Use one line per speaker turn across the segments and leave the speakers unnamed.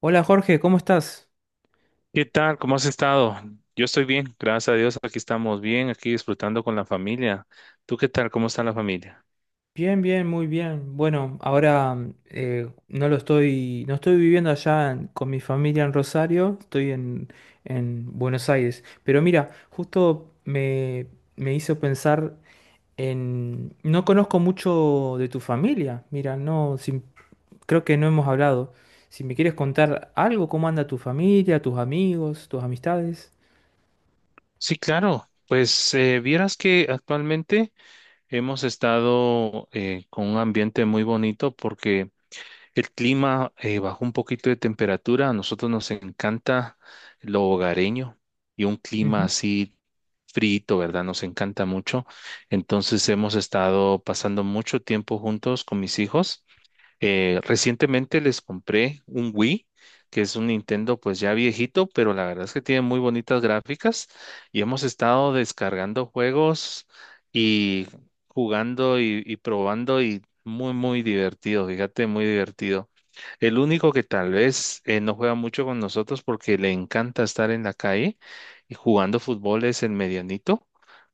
Hola Jorge, ¿cómo estás?
¿Qué tal? ¿Cómo has estado? Yo estoy bien, gracias a Dios, aquí estamos bien, aquí disfrutando con la familia. ¿Tú qué tal? ¿Cómo está la familia?
Bien, bien, muy bien. Bueno, ahora no lo estoy, no estoy viviendo allá con mi familia en Rosario, estoy en Buenos Aires. Pero mira, me hizo pensar en... No conozco mucho de tu familia, mira, no, creo que no hemos hablado. Si me quieres contar algo, cómo anda tu familia, tus amigos, tus amistades.
Sí, claro. Pues vieras que actualmente hemos estado con un ambiente muy bonito porque el clima bajó un poquito de temperatura. A nosotros nos encanta lo hogareño y un clima
Ujú.
así frito, ¿verdad? Nos encanta mucho. Entonces hemos estado pasando mucho tiempo juntos con mis hijos. Recientemente les compré un Wii, que es un Nintendo pues ya viejito, pero la verdad es que tiene muy bonitas gráficas y hemos estado descargando juegos y jugando y probando y muy, muy divertido, fíjate, muy divertido. El único que tal vez no juega mucho con nosotros porque le encanta estar en la calle y jugando fútbol es el medianito,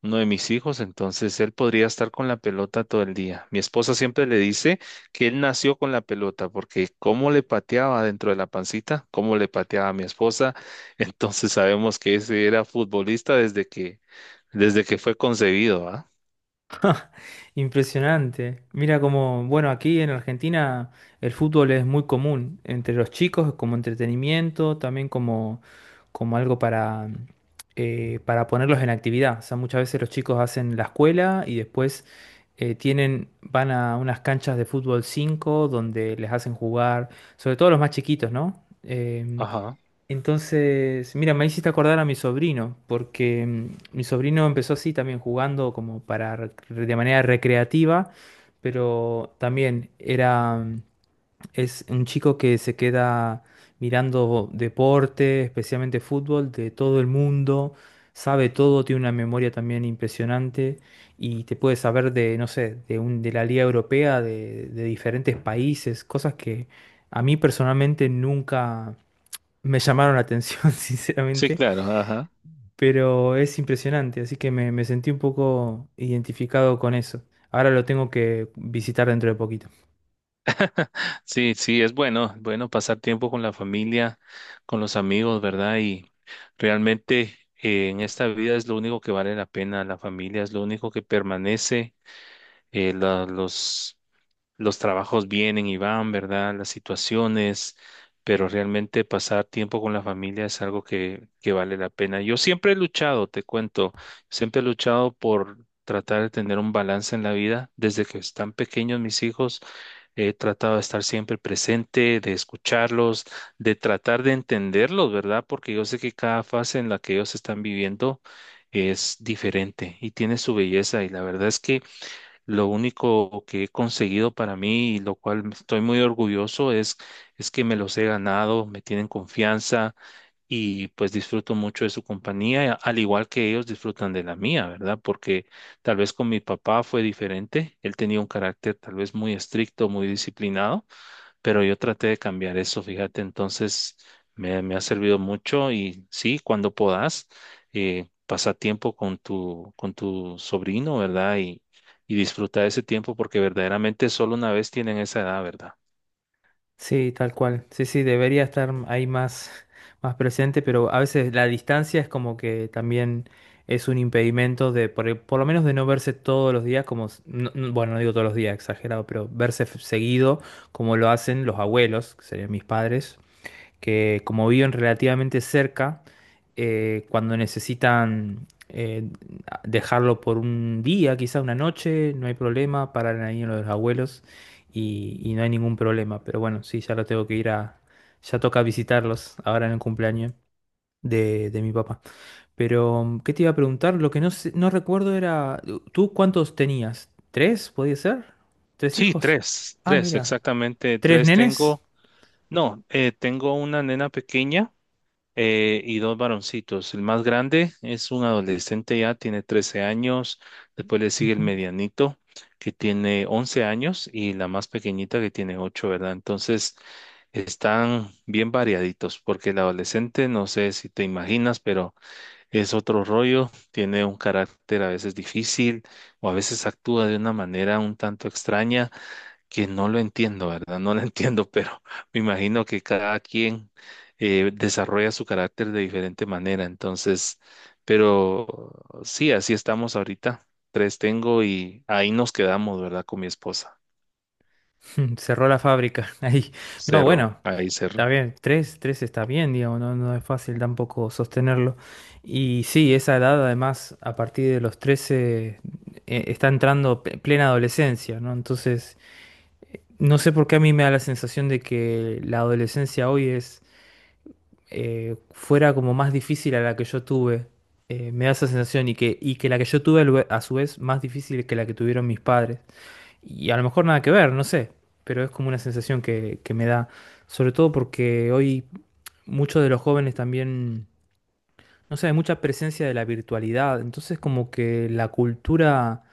uno de mis hijos, entonces él podría estar con la pelota todo el día. Mi esposa siempre le dice que él nació con la pelota, porque cómo le pateaba dentro de la pancita, cómo le pateaba a mi esposa, entonces sabemos que ese era futbolista desde que fue concebido, ¿ah?
Impresionante. Mira como, bueno, aquí en Argentina el fútbol es muy común entre los chicos como entretenimiento, también como algo para ponerlos en actividad. O sea, muchas veces los chicos hacen la escuela y después van a unas canchas de fútbol 5 donde les hacen jugar, sobre todo los más chiquitos, ¿no?
Ajá.
Entonces, mira, me hiciste acordar a mi sobrino, porque mi sobrino empezó así también jugando como para de manera recreativa, pero también es un chico que se queda mirando deporte, especialmente fútbol, de todo el mundo, sabe todo, tiene una memoria también impresionante y te puede saber de, no sé, de un de la Liga Europea, de diferentes países, cosas que a mí personalmente nunca me llamaron la atención,
Sí,
sinceramente,
claro, ajá.
pero es impresionante, así que me sentí un poco identificado con eso. Ahora lo tengo que visitar dentro de poquito.
Sí, sí, es bueno, bueno pasar tiempo con la familia, con los amigos, ¿verdad? Y realmente en esta vida es lo único que vale la pena, la familia es lo único que permanece, los los trabajos vienen y van, ¿verdad? Las situaciones, pero realmente pasar tiempo con la familia es algo que vale la pena. Yo siempre he luchado, te cuento, siempre he luchado por tratar de tener un balance en la vida. Desde que están pequeños mis hijos, he tratado de estar siempre presente, de escucharlos, de tratar de entenderlos, ¿verdad? Porque yo sé que cada fase en la que ellos están viviendo es diferente y tiene su belleza y la verdad es que lo único que he conseguido para mí y lo cual estoy muy orgulloso es que me los he ganado, me tienen confianza y pues disfruto mucho de su compañía, al igual que ellos disfrutan de la mía, ¿verdad? Porque tal vez con mi papá fue diferente, él tenía un carácter tal vez muy estricto, muy disciplinado, pero yo traté de cambiar eso, fíjate, entonces me ha servido mucho y sí, cuando puedas, pasa tiempo con tu sobrino, ¿verdad? Y disfruta de ese tiempo porque verdaderamente solo una vez tienen esa edad, ¿verdad?
Sí, tal cual. Sí, sí, debería estar ahí más, más presente, pero a veces la distancia es como que también es un impedimento de, por lo menos de no verse todos los días, como, bueno, no digo todos los días, exagerado, pero verse seguido como lo hacen los abuelos, que serían mis padres, que como viven relativamente cerca, cuando necesitan dejarlo por un día, quizás una noche, no hay problema, paran ahí en lo de los abuelos y no hay ningún problema. Pero bueno, sí, ya lo tengo que ir a, ya toca visitarlos ahora en el cumpleaños. De mi papá. Pero, ¿qué te iba a preguntar? Lo que no recuerdo era, ¿tú cuántos tenías? ¿Tres, podía ser? ¿Tres
Sí,
hijos?
tres,
Ah,
tres,
mira.
exactamente
¿Tres
tres
nenes?
tengo. No, tengo una nena pequeña y dos varoncitos. El más grande es un adolescente ya, tiene 13 años. Después le sigue el
Ujú.
medianito, que tiene 11 años, y la más pequeñita que tiene 8, ¿verdad? Entonces, están bien variaditos, porque el adolescente, no sé si te imaginas, pero es otro rollo, tiene un carácter a veces difícil o a veces actúa de una manera un tanto extraña que no lo entiendo, ¿verdad? No lo entiendo, pero me imagino que cada quien desarrolla su carácter de diferente manera. Entonces, pero sí, así estamos ahorita. Tres tengo y ahí nos quedamos, ¿verdad? Con mi esposa.
Cerró la fábrica ahí. No,
Cerro,
bueno,
ahí
está
cerro.
bien, tres, tres está bien, digamos, no, no es fácil tampoco sostenerlo. Y sí, esa edad además, a partir de los 13 está entrando plena adolescencia, ¿no? Entonces, no sé por qué a mí me da la sensación de que la adolescencia hoy es fuera como más difícil a la que yo tuve. Me da esa sensación y y que la que yo tuve a a su vez más difícil que la que tuvieron mis padres. Y a lo mejor nada que ver, no sé, pero es como una sensación que me da, sobre todo porque hoy muchos de los jóvenes también, no sé, hay mucha presencia de la virtualidad, entonces como que la cultura,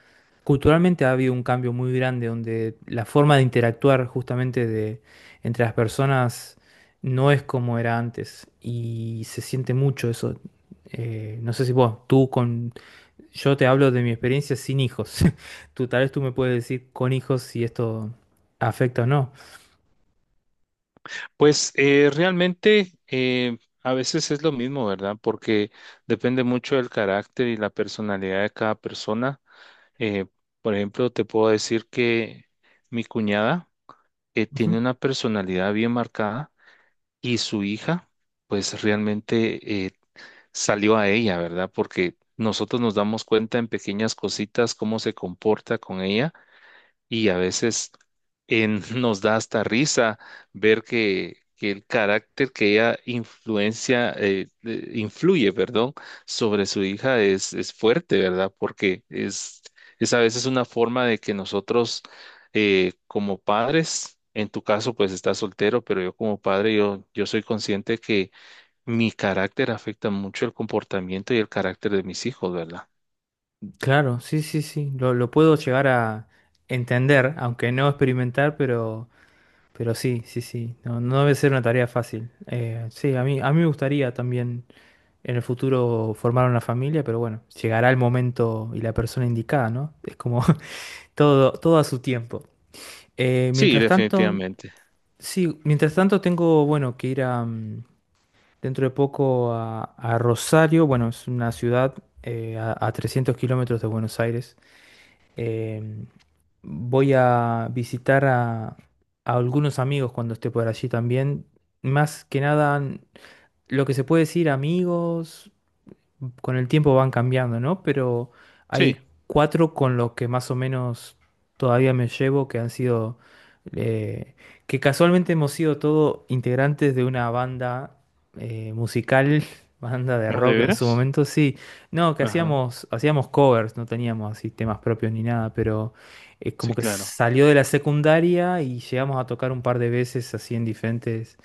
culturalmente ha habido un cambio muy grande donde la forma de interactuar justamente de, entre las personas no es como era antes y se siente mucho eso. No sé si vos, tú con yo te hablo de mi experiencia sin hijos. Tú tal vez tú me puedes decir con hijos si esto afecta o no.
Pues realmente a veces es lo mismo, ¿verdad? Porque depende mucho del carácter y la personalidad de cada persona. Eh, por ejemplo, te puedo decir que mi cuñada,
Ujú.
tiene una personalidad bien marcada y su hija, pues realmente salió a ella, ¿verdad? Porque nosotros nos damos cuenta en pequeñas cositas cómo se comporta con ella y a veces nos da hasta risa ver que el carácter que ella influencia, influye, perdón, sobre su hija es fuerte, ¿verdad? Porque es a veces una forma de que nosotros como padres, en tu caso pues estás soltero, pero yo como padre, yo soy consciente que mi carácter afecta mucho el comportamiento y el carácter de mis hijos, ¿verdad?
Claro, sí, sí, sí. Lo puedo llegar a entender, aunque no experimentar, pero sí, sí, sí. No, no debe ser una tarea fácil. Sí, a mí me gustaría también en el futuro formar una familia, pero bueno, llegará el momento y la persona indicada, ¿no? Es como todo, todo a su tiempo.
Sí,
Mientras tanto,
definitivamente.
sí, mientras tanto tengo, bueno, que ir a, dentro de poco a Rosario. Bueno, es una ciudad a 300 kilómetros de Buenos Aires. Eh, voy a visitar a algunos amigos cuando esté por allí también. Más que nada, lo que se puede decir amigos, con el tiempo van cambiando, ¿no? Pero
Sí.
hay cuatro con los que más o menos todavía me llevo, que han sido, eh, que casualmente hemos sido todos integrantes de una banda musical, banda de
¿De
rock en su
veras?
momento, sí. No, que
Ajá.
hacíamos covers, no teníamos así temas propios ni nada, pero
Sí,
como que
claro.
salió de la secundaria y llegamos a tocar un par de veces así en diferentes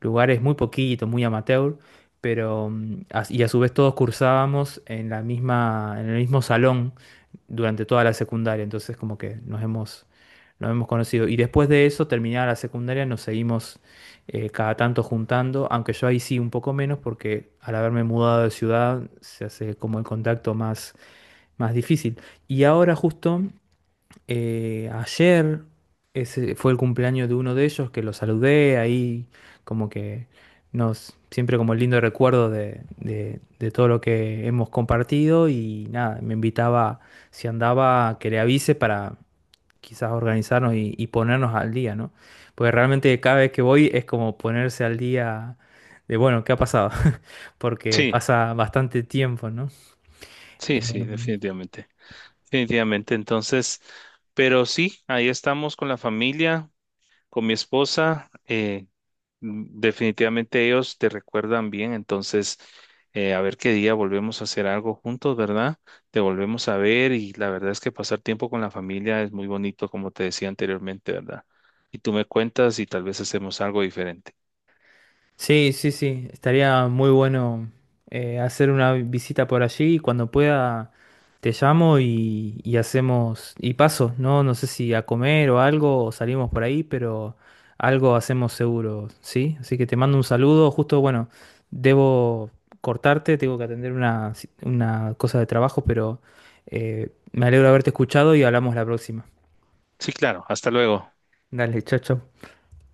lugares muy poquitos, muy amateur, pero y a su vez todos cursábamos en la en el mismo salón durante toda la secundaria, entonces como que nos hemos conocido. Y después de eso, terminada la secundaria, nos seguimos cada tanto juntando, aunque yo ahí sí un poco menos, porque al haberme mudado de ciudad se hace como el contacto más difícil. Y ahora justo ayer ese fue el cumpleaños de uno de ellos que lo saludé ahí, como que nos, siempre como lindo recuerdo de, de todo lo que hemos compartido y nada, me invitaba, si andaba, que le avise para quizás organizarnos y ponernos al día, ¿no? Porque realmente cada vez que voy es como ponerse al día de, bueno, ¿qué ha pasado? Porque
Sí,
pasa bastante tiempo, ¿no?
sí,
Eh,
sí, definitivamente. Definitivamente. Entonces, pero sí, ahí estamos con la familia, con mi esposa. Definitivamente ellos te recuerdan bien. Entonces, a ver qué día volvemos a hacer algo juntos, ¿verdad? Te volvemos a ver y la verdad es que pasar tiempo con la familia es muy bonito, como te decía anteriormente, ¿verdad? Y tú me cuentas y tal vez hacemos algo diferente.
sí, sí, sí, estaría muy bueno hacer una visita por allí y cuando pueda te llamo y hacemos, y paso, ¿no? No sé si a comer o algo, o salimos por ahí, pero algo hacemos seguro, ¿sí? Así que te mando un saludo, justo, bueno, debo cortarte, tengo que atender una cosa de trabajo, pero me alegro de haberte escuchado y hablamos la próxima.
Sí, claro. Hasta luego.
Dale, chao, chao.